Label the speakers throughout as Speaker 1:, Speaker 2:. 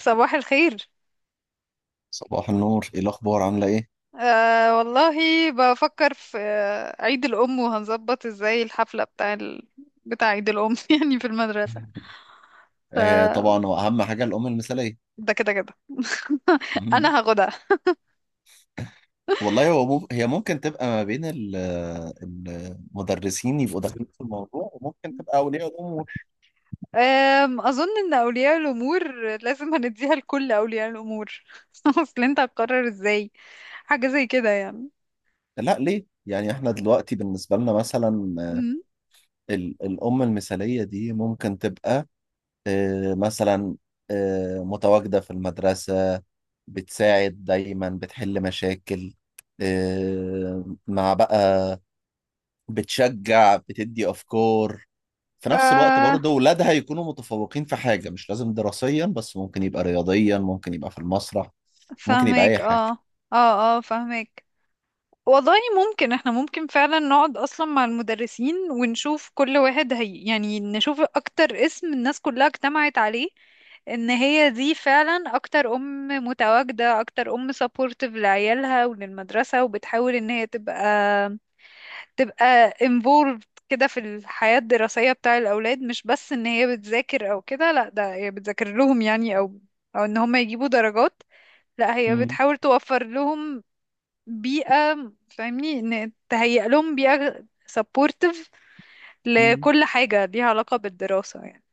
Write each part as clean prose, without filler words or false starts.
Speaker 1: صباح الخير.
Speaker 2: صباح النور، ايه الاخبار؟ عامله ايه؟
Speaker 1: آه والله، بفكر في عيد الأم، وهنظبط ازاي الحفلة بتاع عيد الأم يعني في المدرسة. ف
Speaker 2: طبعا هو اهم حاجه الام المثاليه.
Speaker 1: ده كده كده،
Speaker 2: مم.
Speaker 1: أنا هاخدها.
Speaker 2: والله، هي ممكن تبقى ما بين المدرسين يبقوا داخلين في الموضوع، وممكن تبقى اولياء الامور.
Speaker 1: أظن إن أولياء الأمور لازم، هنديها لكل أولياء الأمور أصل أنت هتقرر ازاي حاجة زي كده يعني؟
Speaker 2: لا، ليه؟ يعني احنا دلوقتي بالنسبه لنا مثلا،
Speaker 1: أمم.
Speaker 2: الام المثاليه دي ممكن تبقى مثلا، متواجده في المدرسه، بتساعد دايما، بتحل مشاكل، آه مع بقى بتشجع، بتدي افكار، في نفس الوقت
Speaker 1: آه،
Speaker 2: برضه ولادها يكونوا متفوقين في حاجة، مش لازم دراسيا بس، ممكن يبقى رياضيا، ممكن يبقى في المسرح، ممكن يبقى أي
Speaker 1: فاهمك.
Speaker 2: حاجة.
Speaker 1: اه، اه اه فاهمك. والله ممكن، احنا ممكن فعلا نقعد اصلا مع المدرسين ونشوف كل واحد هي يعني نشوف اكتر اسم الناس كلها اجتمعت عليه، ان هي دي فعلا اكتر ام متواجدة، اكتر ام سبورتيف لعيالها وللمدرسة، وبتحاول ان هي تبقى involved كده في الحياة الدراسية بتاع الاولاد. مش بس ان هي بتذاكر او كده، لا، ده هي بتذاكر لهم يعني، او ان هم يجيبوا درجات. لا، هي
Speaker 2: مم.
Speaker 1: بتحاول توفر لهم بيئة، فاهمني، ان تهيئ لهم بيئة سبورتيف
Speaker 2: مم.
Speaker 1: لكل حاجة ليها علاقة بالدراسة يعني.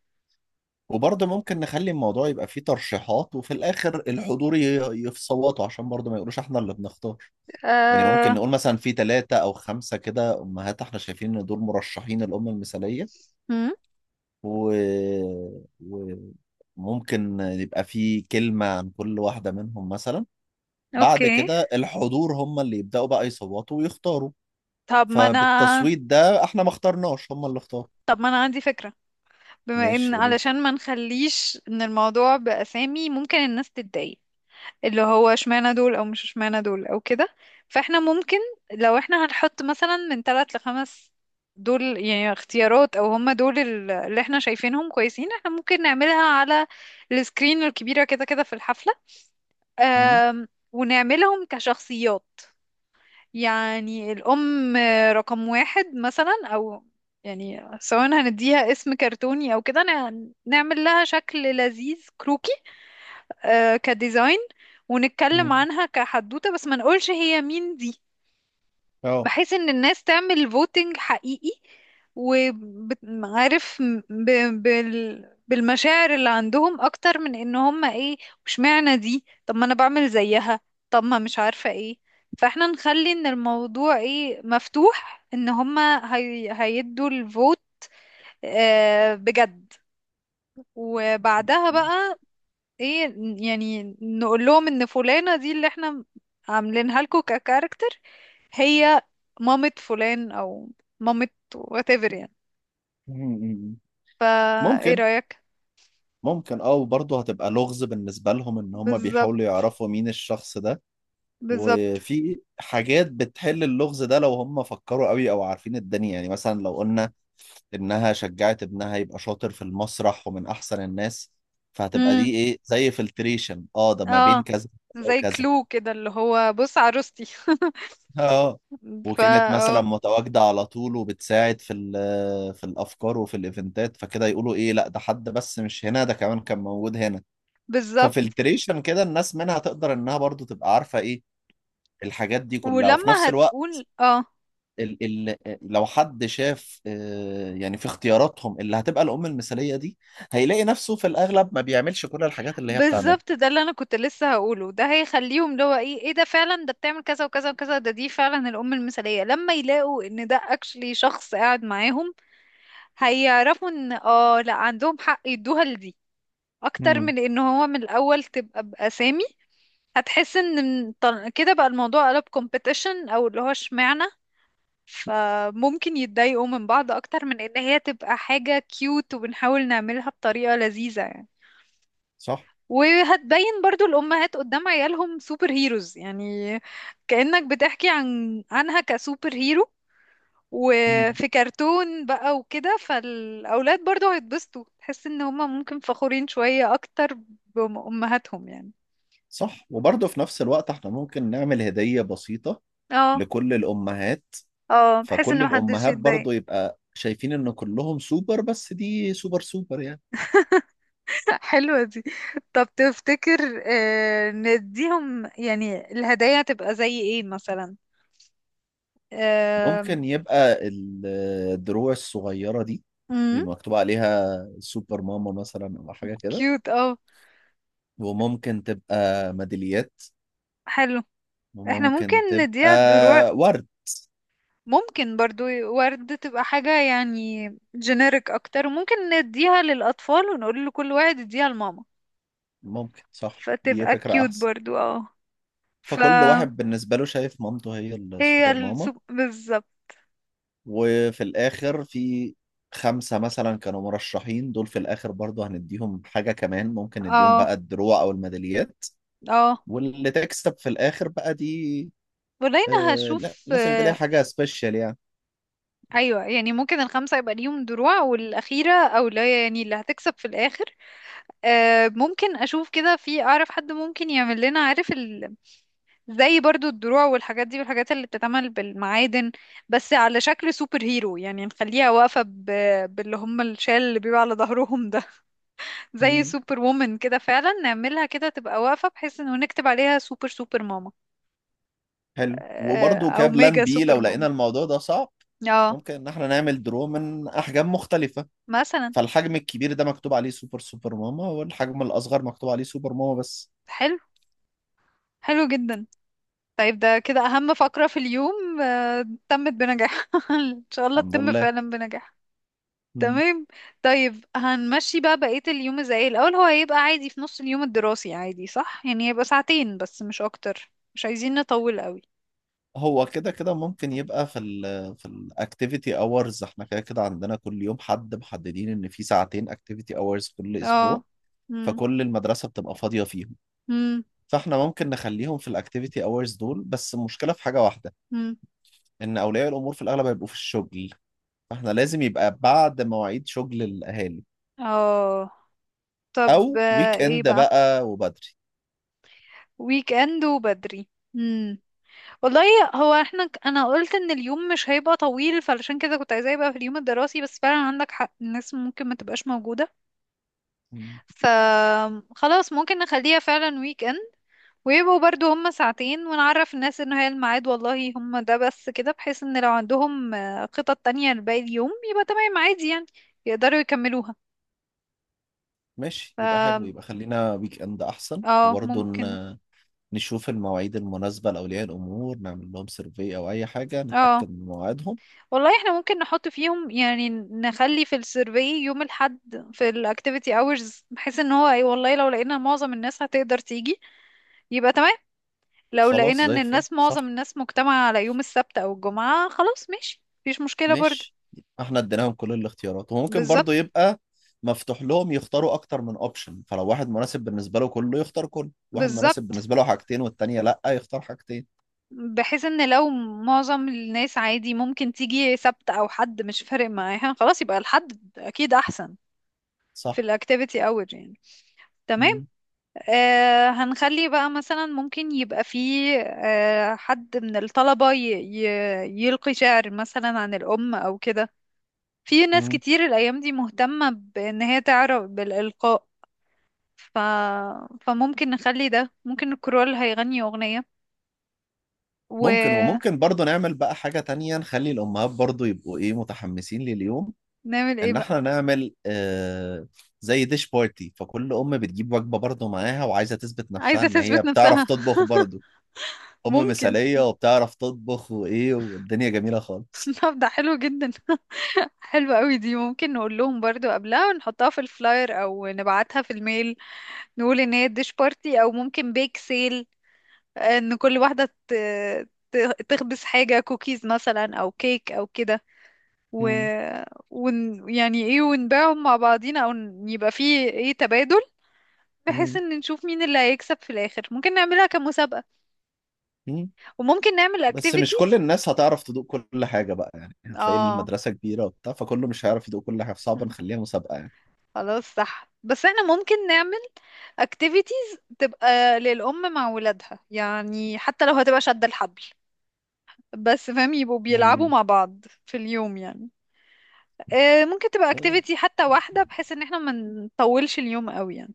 Speaker 2: وبرضه ممكن نخلي الموضوع يبقى فيه ترشيحات، وفي الآخر الحضور يصوتوا عشان برضه ما يقولوش احنا اللي بنختار. يعني ممكن
Speaker 1: آه...
Speaker 2: نقول مثلا في ثلاثة أو خمسة كده أمهات احنا شايفين إن دول مرشحين الأم المثالية،
Speaker 1: مم؟
Speaker 2: و... و... ممكن يبقى في كلمة عن كل واحدة منهم مثلا. بعد
Speaker 1: اوكي.
Speaker 2: كده الحضور هم اللي يبدأوا بقى يصوتوا ويختاروا.
Speaker 1: طب ما انا
Speaker 2: فبالتصويت ده احنا ما اخترناش، هم اللي اختاروا.
Speaker 1: طب ما انا عندي فكرة. بما
Speaker 2: ماشي،
Speaker 1: ان،
Speaker 2: قولي لي.
Speaker 1: علشان ما نخليش ان الموضوع بأسامي، ممكن الناس تتضايق، اللي هو اشمعنى دول او مش اشمعنى دول او كده. فاحنا ممكن، لو احنا هنحط مثلا من ثلاث لخمس دول يعني اختيارات، او هم دول اللي احنا شايفينهم كويسين، احنا ممكن نعملها على السكرين الكبيرة كده كده في الحفلة.
Speaker 2: مم.
Speaker 1: ونعملهم كشخصيات. يعني الأم رقم واحد مثلا، أو يعني سواء هنديها اسم كرتوني أو كده، نعمل لها شكل لذيذ كروكي، كديزاين، ونتكلم
Speaker 2: مم.
Speaker 1: عنها كحدوتة بس ما نقولش هي مين دي.
Speaker 2: اه.
Speaker 1: بحيث ان الناس تعمل فوتنج حقيقي، وعارف ب... بالمشاعر اللي عندهم اكتر من ان هم ايه، واشمعنى دي طب ما انا بعمل زيها، طب ما مش عارفة ايه. فاحنا نخلي ان الموضوع ايه مفتوح، ان هم هيدوا الفوت. بجد. وبعدها بقى ايه، يعني نقول لهم ان فلانة دي اللي احنا عاملينها لكم ككاركتر، هي مامة فلان، او مامة whatever يعني.
Speaker 2: مم.
Speaker 1: فا ايه
Speaker 2: ممكن.
Speaker 1: رأيك؟
Speaker 2: ممكن، وبرضه هتبقى لغز بالنسبة لهم ان هم
Speaker 1: بالظبط،
Speaker 2: بيحاولوا يعرفوا مين الشخص ده.
Speaker 1: بالظبط.
Speaker 2: وفي حاجات بتحل اللغز ده لو هم فكروا قوي او عارفين الدنيا، يعني مثلا لو قلنا انها شجعت ابنها يبقى شاطر في المسرح ومن احسن الناس، فهتبقى
Speaker 1: امم،
Speaker 2: دي ايه زي فلتريشن، ده ما بين
Speaker 1: اه،
Speaker 2: كذا وكذا
Speaker 1: زي
Speaker 2: وكذا.
Speaker 1: كلو كده اللي هو بص عروستي.
Speaker 2: اه.
Speaker 1: فا
Speaker 2: وكانت مثلا
Speaker 1: اه،
Speaker 2: متواجدة على طول وبتساعد في الافكار وفي الايفنتات، فكده يقولوا ايه، لا ده حد بس مش هنا، ده كمان كان موجود هنا.
Speaker 1: بالظبط.
Speaker 2: ففلتريشن كده الناس منها تقدر انها برضو تبقى عارفة ايه الحاجات دي كلها، وفي نفس
Speaker 1: ولما
Speaker 2: الوقت
Speaker 1: هتقول اه،
Speaker 2: ال ال لو حد شاف، يعني في اختياراتهم اللي هتبقى الأم المثالية دي، هيلاقي نفسه في الأغلب ما بيعملش كل الحاجات اللي هي بتعملها.
Speaker 1: بالظبط، ده اللي انا كنت لسه هقوله. ده هيخليهم اللي هو ايه، ايه ده فعلا، ده بتعمل كذا وكذا وكذا، ده دي فعلا الام المثاليه. لما يلاقوا ان ده اكشلي شخص قاعد معاهم، هيعرفوا ان اه لا عندهم حق يدوها لدي، اكتر
Speaker 2: مم.
Speaker 1: من ان هو من الاول تبقى باسامي. هتحس ان كده بقى الموضوع قلب كومبيتيشن، او اللي هو اشمعنى. فممكن يتضايقوا من بعض اكتر من ان هي تبقى حاجه كيوت، وبنحاول نعملها بطريقه لذيذه يعني.
Speaker 2: صح؟
Speaker 1: وهتبين برضو الأمهات قدام عيالهم سوبر هيروز يعني، كأنك بتحكي عنها كسوبر هيرو،
Speaker 2: مم.
Speaker 1: وفي كرتون بقى وكده. فالأولاد برضو هيتبسطوا، تحس إن هما ممكن فخورين شوية أكتر بأمهاتهم يعني.
Speaker 2: صح، وبرضه في نفس الوقت احنا ممكن نعمل هدية بسيطة
Speaker 1: اه
Speaker 2: لكل الأمهات،
Speaker 1: اه، بحس
Speaker 2: فكل
Speaker 1: إن محدش
Speaker 2: الأمهات
Speaker 1: يتضايق.
Speaker 2: برضه يبقى شايفين إن كلهم سوبر، بس دي سوبر سوبر يعني.
Speaker 1: حلوة دي. طب تفتكر، نديهم يعني الهدايا تبقى زي ايه مثلا؟
Speaker 2: ممكن
Speaker 1: امم،
Speaker 2: يبقى الدروع الصغيرة دي بيبقى مكتوب عليها سوبر ماما مثلا أو حاجة كده.
Speaker 1: كيوت، اه،
Speaker 2: وممكن تبقى ميداليات.
Speaker 1: حلو. احنا ممكن
Speaker 2: وممكن تبقى
Speaker 1: نديها الدروع،
Speaker 2: ورد.
Speaker 1: ممكن برضو ورد تبقى حاجة يعني جينيريك أكتر. ممكن نديها للأطفال ونقول لكل واحد يديها لماما،
Speaker 2: ممكن، صح، دي
Speaker 1: فتبقى
Speaker 2: فكرة
Speaker 1: كيوت
Speaker 2: أحسن.
Speaker 1: برضو اه.
Speaker 2: فكل
Speaker 1: فهي
Speaker 2: واحد بالنسبة له شايف مامته هي السوبر ماما،
Speaker 1: السوق بالظبط،
Speaker 2: وفي الآخر في خمسة مثلا كانوا مرشحين، دول في الآخر برضه هنديهم حاجة كمان، ممكن نديهم بقى
Speaker 1: اه
Speaker 2: الدروع أو الميداليات،
Speaker 1: اه.
Speaker 2: واللي تكسب في الآخر بقى دي
Speaker 1: ولينا
Speaker 2: لا،
Speaker 1: هشوف
Speaker 2: لازم يبقى ليها حاجة سبيشال يعني.
Speaker 1: أيوة يعني، ممكن الخمسة يبقى ليهم دروع، والأخيرة أو لا يعني اللي هتكسب في الآخر. ممكن أشوف كده، في أعرف حد ممكن يعمل لنا عارف، زي برضو الدروع والحاجات دي، والحاجات اللي بتتعمل بالمعادن، بس على شكل سوبر هيرو يعني. نخليها واقفة باللي هم الشال اللي بيبقى على ظهرهم ده. زي
Speaker 2: مم.
Speaker 1: سوبر وومن كده، فعلا نعملها كده تبقى واقفة، بحيث انه نكتب عليها سوبر سوبر ماما،
Speaker 2: حلو، وبرضه
Speaker 1: او
Speaker 2: كبلان
Speaker 1: ميجا
Speaker 2: بي
Speaker 1: سوبر
Speaker 2: لو لقينا
Speaker 1: ماما.
Speaker 2: الموضوع ده صعب،
Speaker 1: اه
Speaker 2: ممكن ان احنا نعمل درو من احجام مختلفة،
Speaker 1: مثلا.
Speaker 2: فالحجم الكبير ده مكتوب عليه سوبر سوبر ماما، والحجم الاصغر مكتوب عليه سوبر ماما بس.
Speaker 1: حلو، حلو جدا. طيب ده كده اهم فقرة في اليوم تمت بنجاح. ان شاء الله
Speaker 2: الحمد
Speaker 1: تتم
Speaker 2: لله.
Speaker 1: فعلا بنجاح.
Speaker 2: مم.
Speaker 1: تمام. طيب هنمشي بقى بقية اليوم ازاي؟ الأول هو هيبقى عادي في نص اليوم الدراسي، عادي صح؟ يعني هيبقى ساعتين بس مش أكتر، مش عايزين نطول قوي.
Speaker 2: هو كده كده ممكن يبقى في الاكتيفيتي اورز، احنا كده كده عندنا كل يوم حد محددين ان في ساعتين اكتيفيتي اورز كل
Speaker 1: اه.
Speaker 2: اسبوع،
Speaker 1: مم.
Speaker 2: فكل المدرسة بتبقى فاضية فيهم.
Speaker 1: مم.
Speaker 2: فاحنا ممكن نخليهم في الاكتيفيتي اورز دول، بس المشكلة في حاجة واحدة،
Speaker 1: مم.
Speaker 2: ان اولياء الامور في الاغلب هيبقوا في الشغل، فاحنا لازم يبقى بعد مواعيد شغل الاهالي،
Speaker 1: اه، طب
Speaker 2: او ويك
Speaker 1: ايه
Speaker 2: اند
Speaker 1: بقى؟
Speaker 2: بقى وبدري.
Speaker 1: ويك اند وبدري. مم. والله هو احنا انا قلت ان اليوم مش هيبقى طويل، فعلشان كده كنت عايزاه يبقى في اليوم الدراسي. بس فعلا عندك حق، الناس ممكن ما تبقاش موجودة.
Speaker 2: مم.
Speaker 1: فخلاص ممكن نخليها فعلا ويك اند، ويبقوا برضو هم ساعتين. ونعرف الناس ان هي الميعاد والله هم ده بس كده، بحيث ان لو عندهم خطط تانية لباقي اليوم يبقى تمام عادي يعني، يقدروا يكملوها.
Speaker 2: ماشي، يبقى حلو، يبقى خلينا ويك اند احسن،
Speaker 1: اه،
Speaker 2: وبرضه
Speaker 1: ممكن.
Speaker 2: نشوف المواعيد المناسبة لأولياء الأمور، نعمل لهم سيرفي أو أي حاجة
Speaker 1: اه
Speaker 2: نتأكد من مواعيدهم.
Speaker 1: والله، احنا ممكن نحط فيهم، يعني نخلي في السيرفي يوم الحد في الاكتيفيتي اورز، بحيث ان هو اي والله لو لقينا معظم الناس هتقدر تيجي يبقى تمام. لو
Speaker 2: خلاص،
Speaker 1: لقينا
Speaker 2: زي
Speaker 1: ان
Speaker 2: الفل،
Speaker 1: الناس معظم
Speaker 2: صح.
Speaker 1: الناس مجتمعة على يوم السبت او الجمعة خلاص، ماشي مفيش مشكلة برضو.
Speaker 2: ماشي. احنا اديناهم كل الاختيارات، وممكن برضه
Speaker 1: بالظبط،
Speaker 2: يبقى مفتوح لهم يختاروا أكتر من أوبشن، فلو واحد مناسب بالنسبة له كله يختار كله، واحد مناسب
Speaker 1: بالظبط.
Speaker 2: بالنسبة له حاجتين والتانية لأ يختار حاجتين.
Speaker 1: بحيث ان لو معظم الناس عادي ممكن تيجي سبت، او حد مش فارق معاها، خلاص يبقى الحد اكيد احسن في
Speaker 2: صح.
Speaker 1: الاكتيفيتي اور يعني. تمام.
Speaker 2: مم.
Speaker 1: هنخلي بقى مثلا ممكن يبقى فيه حد من الطلبة ي ي يلقي شعر مثلا عن الأم أو كده. في ناس
Speaker 2: مم.
Speaker 1: كتير الأيام دي مهتمة بإن هي تعرف بالإلقاء. ف... فممكن نخلي ده، ممكن الكرول هيغني أغنية
Speaker 2: ممكن،
Speaker 1: ونعمل.
Speaker 2: وممكن برضو نعمل بقى حاجة تانية، نخلي الأمهات برضو يبقوا إيه متحمسين لليوم،
Speaker 1: ايه
Speaker 2: إن
Speaker 1: بقى؟
Speaker 2: إحنا نعمل زي ديش بارتي، فكل أم بتجيب وجبة برضو معاها وعايزة تثبت نفسها
Speaker 1: عايزة
Speaker 2: إن هي
Speaker 1: تثبت
Speaker 2: بتعرف
Speaker 1: نفسها
Speaker 2: تطبخ برضو، أم
Speaker 1: ممكن.
Speaker 2: مثالية وبتعرف تطبخ وإيه، والدنيا جميلة خالص.
Speaker 1: طب ده حلو جدا. حلو قوي دي. ممكن نقول لهم برضو قبلها، نحطها في الفلاير او نبعتها في الميل، نقول ان هي ديش بارتي او ممكن بيك سيل، ان كل واحدة تخبز حاجة كوكيز مثلا او كيك او كده. و...
Speaker 2: مم.
Speaker 1: يعني ايه، ونبيعهم مع بعضينا، او يبقى فيه ايه تبادل، بحيث
Speaker 2: مم.
Speaker 1: ان نشوف مين اللي هيكسب في الاخر. ممكن نعملها كمسابقة،
Speaker 2: مم.
Speaker 1: وممكن نعمل
Speaker 2: بس مش كل
Speaker 1: اكتيفيتيز.
Speaker 2: الناس هتعرف تدوق كل حاجة بقى يعني، هتلاقي
Speaker 1: اه.
Speaker 2: المدرسة كبيرة وبتاع، فكله مش هيعرف يدوق كل حاجة، فصعب نخليها مسابقة يعني.
Speaker 1: خلاص صح، بس احنا ممكن نعمل activities تبقى للأم مع ولادها، يعني حتى لو هتبقى شد الحبل بس فاهم، يبقوا بيلعبوا مع بعض في اليوم يعني. ممكن تبقى
Speaker 2: مم.
Speaker 1: activity حتى واحدة، بحيث ان احنا ما نطولش اليوم قوي يعني.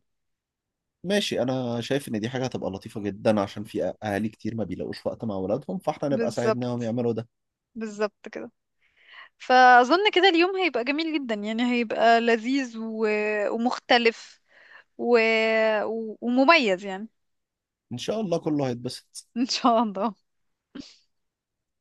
Speaker 2: ماشي، انا شايف ان دي حاجه هتبقى لطيفه جدا، عشان في اهالي كتير ما بيلاقوش وقت مع اولادهم، فاحنا نبقى ساعدناهم
Speaker 1: بالظبط.
Speaker 2: يعملوا ده.
Speaker 1: بالظبط كده. فأظن كده اليوم هيبقى جميل جدا يعني، هيبقى لذيذ ومختلف، و... ومميز يعني.
Speaker 2: ان شاء الله كله هيتبسط.
Speaker 1: إن شاء الله.